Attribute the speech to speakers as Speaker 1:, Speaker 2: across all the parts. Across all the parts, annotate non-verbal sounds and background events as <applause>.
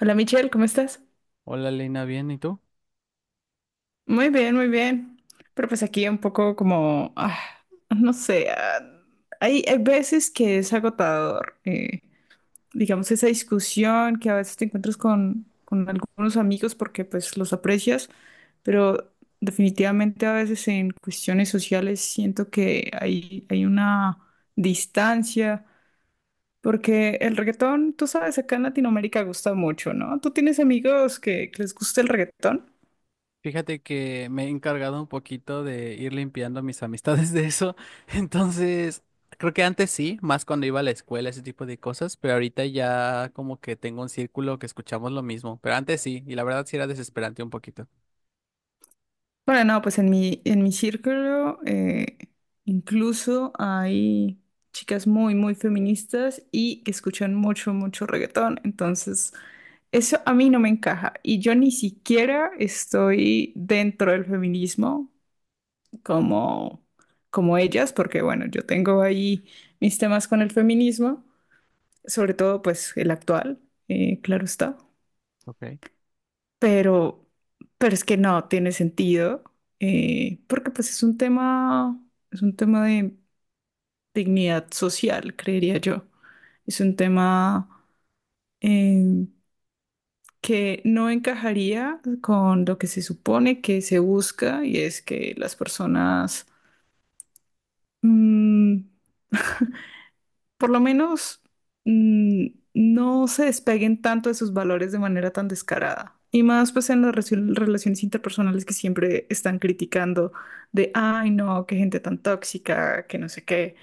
Speaker 1: Hola Michelle, ¿cómo estás?
Speaker 2: Hola Lina, bien, ¿y tú?
Speaker 1: Muy bien, muy bien. Pero pues aquí un poco como, no sé, hay veces que es agotador, digamos, esa discusión que a veces te encuentras con algunos amigos porque pues los aprecias, pero definitivamente a veces en cuestiones sociales siento que hay una distancia, porque el reggaetón, tú sabes, acá en Latinoamérica gusta mucho, ¿no? ¿Tú tienes amigos que les gusta el reggaetón?
Speaker 2: Fíjate que me he encargado un poquito de ir limpiando mis <laughs> amistades de eso. <laughs> Entonces, creo que antes sí, más cuando iba a la escuela, ese tipo de cosas, pero ahorita ya como que tengo un círculo que escuchamos lo mismo, pero antes sí, y la verdad sí era desesperante un poquito.
Speaker 1: Bueno, no, pues en en mi círculo incluso hay chicas muy, muy feministas y que escuchan mucho, mucho reggaetón. Entonces, eso a mí no me encaja. Y yo ni siquiera estoy dentro del feminismo como, como ellas, porque bueno, yo tengo ahí mis temas con el feminismo, sobre todo pues el actual, claro está,
Speaker 2: Okay.
Speaker 1: pero, pero es que no tiene sentido, porque pues es un tema de dignidad social, creería yo. Es un tema eh, que no encajaría con lo que se supone que se busca y es que las personas mm, por lo menos, mm, no se despeguen tanto de sus valores de manera tan descarada. Y más pues en las relaciones interpersonales que siempre están criticando de, ay no, qué gente tan tóxica, que no sé qué.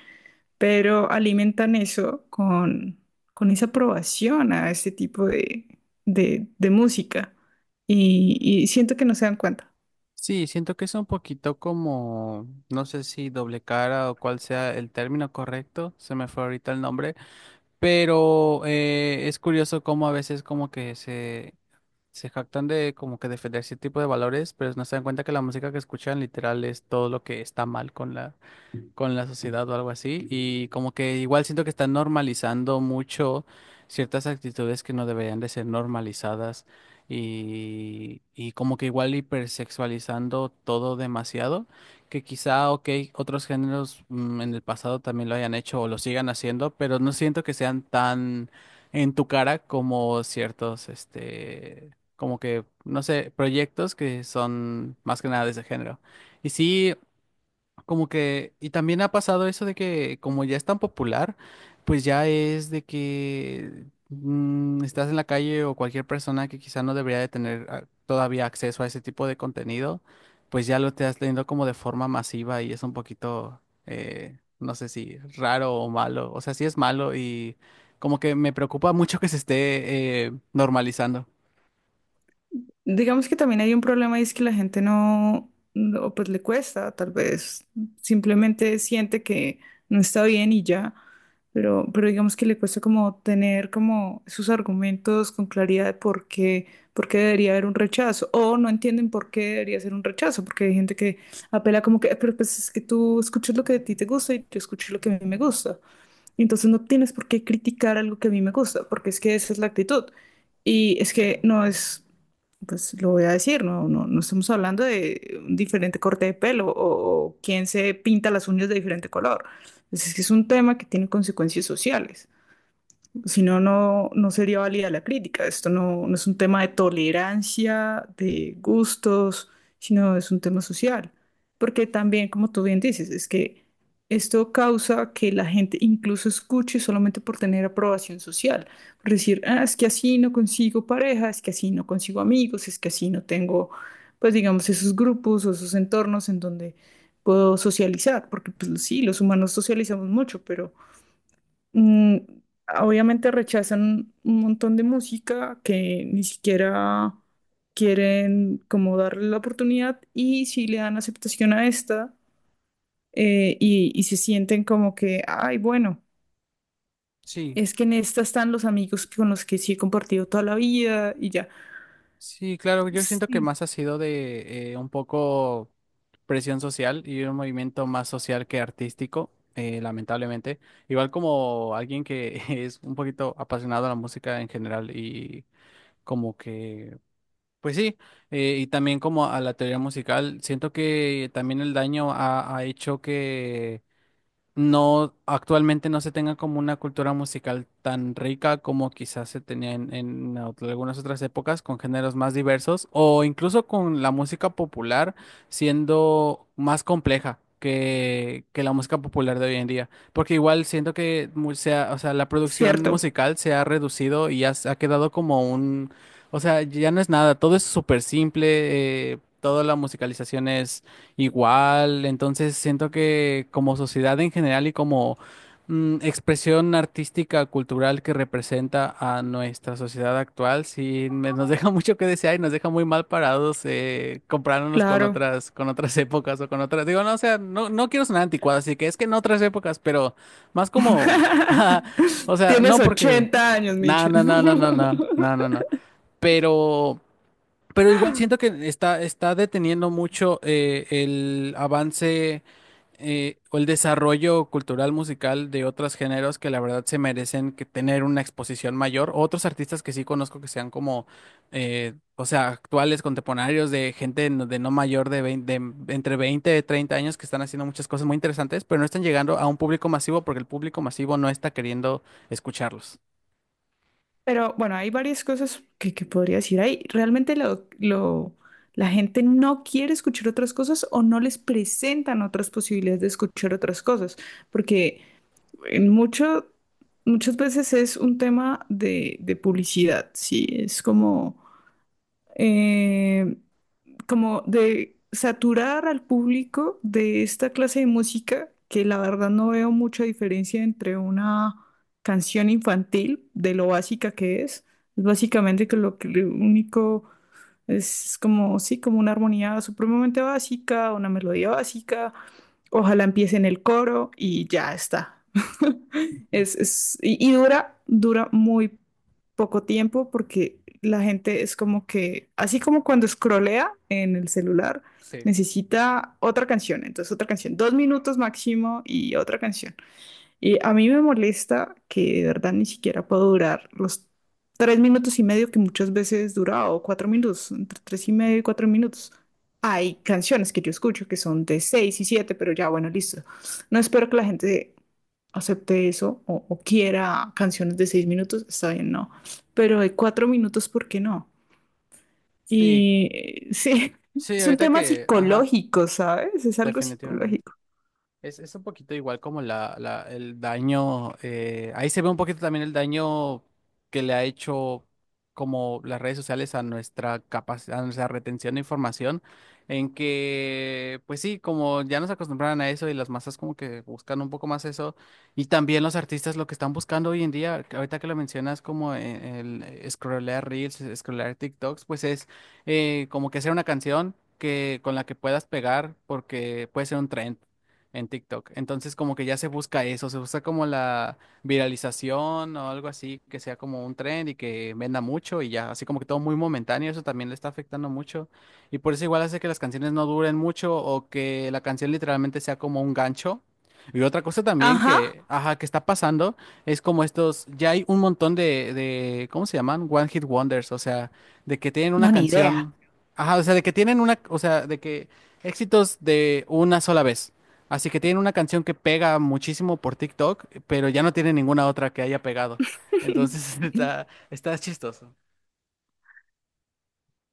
Speaker 1: Pero alimentan eso con esa aprobación a este tipo de música. Y siento que no se dan cuenta.
Speaker 2: Sí, siento que es un poquito como, no sé si doble cara o cuál sea el término correcto, se me fue ahorita el nombre. Pero es curioso cómo a veces como que se jactan de como que defender ese tipo de valores, pero no se dan cuenta que la música que escuchan literal es todo lo que está mal con con la sociedad o algo así. Y como que igual siento que están normalizando mucho ciertas actitudes que no deberían de ser normalizadas y como que igual hipersexualizando todo demasiado, que quizá, ok, otros géneros en el pasado también lo hayan hecho o lo sigan haciendo, pero no siento que sean tan en tu cara como ciertos, este, como que, no sé, proyectos que son más que nada de ese género. Y sí, como que, y también ha pasado eso de que como ya es tan popular, pues ya es de que estás en la calle o cualquier persona que quizá no debería de tener todavía acceso a ese tipo de contenido, pues ya lo estás teniendo como de forma masiva y es un poquito, no sé si raro o malo, o sea, sí es malo y como que me preocupa mucho que se esté normalizando.
Speaker 1: Digamos que también hay un problema y es que la gente no, no, pues le cuesta, tal vez simplemente siente que no está bien y ya, pero digamos que le cuesta como tener como sus argumentos con claridad de por qué debería haber un rechazo o no entienden por qué debería ser un rechazo, porque hay gente que apela como que, "Ah, pero pues es que tú escuchas lo que a ti te gusta y yo escucho lo que a mí me gusta. Entonces no tienes por qué criticar algo que a mí me gusta, porque es que esa es la actitud. Y es que no es, pues lo voy a decir, no, no, no estamos hablando de un diferente corte de pelo o quién se pinta las uñas de diferente color. Pues, es que es un tema que tiene consecuencias sociales. Si no, no, no sería válida la crítica. Esto no, no es un tema de tolerancia, de gustos, sino es un tema social. Porque también, como tú bien dices, es que esto causa que la gente incluso escuche solamente por tener aprobación social. Por decir, "Ah, es que así no consigo pareja, es que así no consigo amigos, es que así no tengo, pues digamos, esos grupos o esos entornos en donde puedo socializar. Porque pues sí, los humanos socializamos mucho, pero... Mm, obviamente rechazan un montón de música que ni siquiera quieren como darle la oportunidad y si le dan aceptación a esta y se sienten como que, ay, bueno,
Speaker 2: Sí.
Speaker 1: es que en esta están los amigos con los que sí he compartido toda la vida y ya.
Speaker 2: Sí, claro, yo siento que
Speaker 1: Sí,
Speaker 2: más ha sido de un poco presión social y un movimiento más social que artístico, lamentablemente. Igual como alguien que <laughs> es un poquito apasionado a la música en general y como que, pues sí, y también como a la teoría musical, siento que también el daño ha hecho no, actualmente no se tenga como una cultura musical tan rica como quizás se tenía en ot- algunas otras épocas, con géneros más diversos, o incluso con la música popular siendo más compleja que la música popular de hoy en día. Porque igual siento que mu- se ha- o sea, la producción
Speaker 1: cierto,
Speaker 2: musical se ha reducido y ya se ha quedado como un, o sea, ya no es nada, todo es súper simple, toda la musicalización es igual. Entonces siento que como sociedad en general y como expresión artística, cultural que representa a nuestra sociedad actual, sí me- nos deja <laughs> mucho que desear y nos deja muy mal parados comparándonos
Speaker 1: claro.
Speaker 2: con otras épocas o con otras. Digo, no, o sea, no, no quiero sonar anticuado, así que es que en otras épocas, pero más como, <laughs> ah, o
Speaker 1: <laughs>
Speaker 2: sea,
Speaker 1: Tienes
Speaker 2: no porque,
Speaker 1: 80 años,
Speaker 2: no,
Speaker 1: Mitchell.
Speaker 2: no, no, no, no, no, no,
Speaker 1: <laughs>
Speaker 2: no, no, pero pero igual siento que está deteniendo mucho el avance o el desarrollo cultural musical de otros géneros que la verdad se merecen que tener una exposición mayor. Otros artistas que sí conozco que sean como, o sea, actuales, contemporáneos, de gente no- de no mayor de 20 de entre 20 y 30 años que están haciendo muchas cosas muy interesantes, pero no están llegando a un público masivo porque el público masivo no está queriendo escucharlos.
Speaker 1: Pero bueno, hay varias cosas que podría decir ahí. Realmente la gente no quiere escuchar otras cosas o no les presentan otras posibilidades de escuchar otras cosas, porque en mucho, muchas veces es un tema de publicidad, ¿sí? Es como, eh, como de saturar al público de esta clase de música, que la verdad no veo mucha diferencia entre una canción infantil, de lo básica que es básicamente que lo único es como, sí, como una armonía supremamente básica, una melodía básica. Ojalá empiece en el coro y ya está. <laughs> Y dura, dura muy poco tiempo porque la gente es como que, así como cuando scrollea en el celular,
Speaker 2: Sí,
Speaker 1: necesita otra canción, entonces otra canción, 2 minutos máximo y otra canción. Y a mí me molesta que de verdad ni siquiera puedo durar los 3 minutos y medio que muchas veces dura, o 4 minutos, entre tres y medio y 4 minutos. Hay canciones que yo escucho que son de seis y siete, pero ya bueno, listo. No espero que la gente acepte eso o quiera canciones de 6 minutos, está bien, no. Pero de 4 minutos, ¿por qué no?
Speaker 2: sí,
Speaker 1: Y sí, <laughs>
Speaker 2: sí,
Speaker 1: es un
Speaker 2: ahorita
Speaker 1: tema
Speaker 2: que, ajá,
Speaker 1: psicológico, ¿sabes? Es algo
Speaker 2: definitivamente.
Speaker 1: psicológico.
Speaker 2: Es un poquito igual como la- el daño, ahí se ve un poquito también el daño que le ha hecho como las redes sociales a nuestra capacidad, a nuestra retención de información, en que, pues sí, como ya nos acostumbraron a eso y las masas como que buscan un poco más eso, y también los artistas lo que están buscando hoy en día, que ahorita que lo mencionas como e- scrollear Reels, scrollear TikToks, pues es como que hacer una canción, que con la que puedas pegar porque puede ser un trend en TikTok. Entonces como que ya se busca eso, se busca como la viralización o algo así, que sea como un trend y que venda mucho y ya, así como que todo muy momentáneo, eso también le está afectando mucho. Y por eso igual hace que las canciones no duren mucho o que la canción literalmente sea como un gancho. Y otra cosa también
Speaker 1: Ajá,
Speaker 2: que, ajá, que está pasando es como estos, ya hay un montón de, ¿cómo se llaman? One Hit Wonders, o sea, de que tienen una
Speaker 1: no, ni idea.
Speaker 2: canción, ajá, o sea, de que tienen una, o sea, de que éxitos de una sola vez. Así que tienen una canción que pega muchísimo por TikTok, pero ya no tiene ninguna otra que haya pegado. Entonces <laughs>
Speaker 1: <laughs>
Speaker 2: está, está chistoso.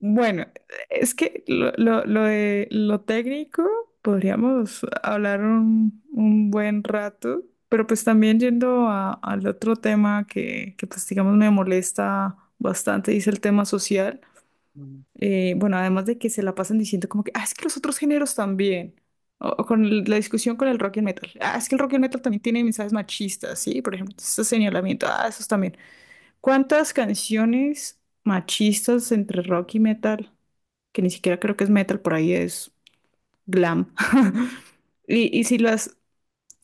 Speaker 1: Bueno, es que lo de lo técnico podríamos hablar un buen rato, pero pues también yendo al otro tema que pues digamos me molesta bastante, y es el tema social.
Speaker 2: Mm.
Speaker 1: Bueno, además de que se la pasan diciendo como que, ah, es que los otros géneros también, o con la discusión con el rock y el metal, ah, es que el rock y el metal también tiene mensajes machistas, ¿sí? Por ejemplo, ese señalamiento, ah, esos también. ¿Cuántas canciones machistas entre rock y metal, que ni siquiera creo que es metal, por ahí es glam? <laughs> Y, y si las,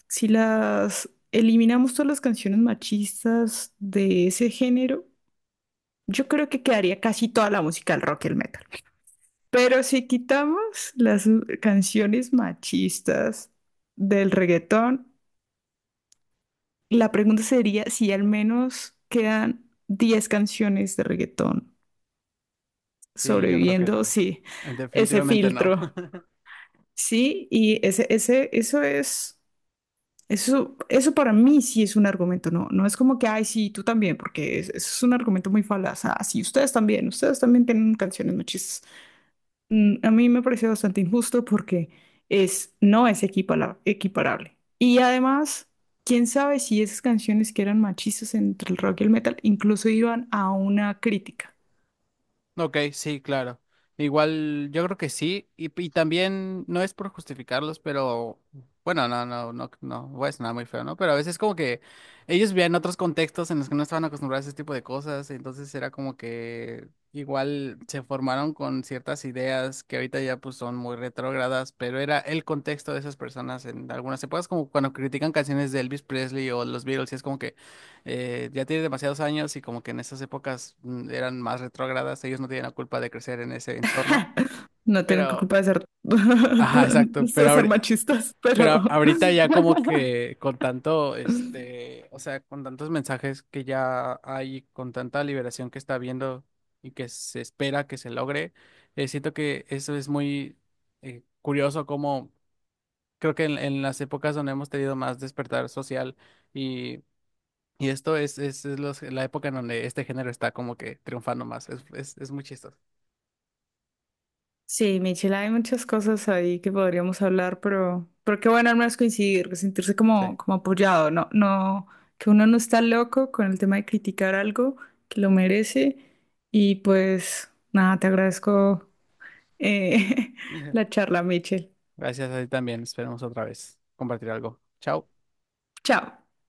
Speaker 1: si las eliminamos todas las canciones machistas de ese género, yo creo que quedaría casi toda la música del rock y el metal. Pero si quitamos las canciones machistas del reggaetón, la pregunta sería si al menos quedan 10 canciones de reggaetón
Speaker 2: Sí, yo creo que
Speaker 1: sobreviviendo,
Speaker 2: no.
Speaker 1: sí, ese
Speaker 2: Definitivamente no.
Speaker 1: filtro, sí, y ese, eso es, eso para mí sí es un argumento, no, no es como que, ay, sí, tú también, porque eso es un argumento muy falaz, ah, sí, ustedes también tienen canciones machistas. A mí me pareció bastante injusto porque es, no es equiparable. Y además, quién sabe si esas canciones que eran machistas entre el rock y el metal incluso iban a una crítica.
Speaker 2: Ok, sí, claro. Igual yo creo que sí, y también no es por justificarlos, pero bueno, no, no, no, no, voy a sonar muy feo, ¿no? Pero a veces como que ellos vivían otros contextos en los que no estaban acostumbrados a ese tipo de cosas, entonces era como que igual se formaron con ciertas ideas que ahorita ya pues son muy retrógradas, pero era el contexto de esas personas en algunas épocas, como cuando critican canciones de Elvis Presley o los Beatles, y es como que ya tiene demasiados años y como que en esas épocas eran más retrógradas, ellos no tienen la culpa de crecer en ese entorno,
Speaker 1: <laughs> No tienen
Speaker 2: pero,
Speaker 1: culpa de ser, <laughs>
Speaker 2: ajá, exacto, pero,
Speaker 1: de ser
Speaker 2: ahori-
Speaker 1: machistas, pero
Speaker 2: pero ahorita ya como
Speaker 1: <laughs>
Speaker 2: que con tanto, este, o sea, con tantos mensajes que ya hay, con tanta liberación que está habiendo y que se espera que se logre, siento que eso es muy curioso como... Creo que en las épocas donde hemos tenido más despertar social, y Y esto es los- la época en donde este género está como que triunfando más. Es muy chistoso.
Speaker 1: sí, Michelle, hay muchas cosas ahí que podríamos hablar, pero qué bueno al menos coincidir, sentirse
Speaker 2: Sí.
Speaker 1: como, como apoyado, no, no, que uno no está loco con el tema de criticar algo que lo merece. Y pues nada, te agradezco eh, <laughs> la charla, Michelle.
Speaker 2: Gracias a ti también. Esperemos otra vez compartir algo. Chao.
Speaker 1: Chao.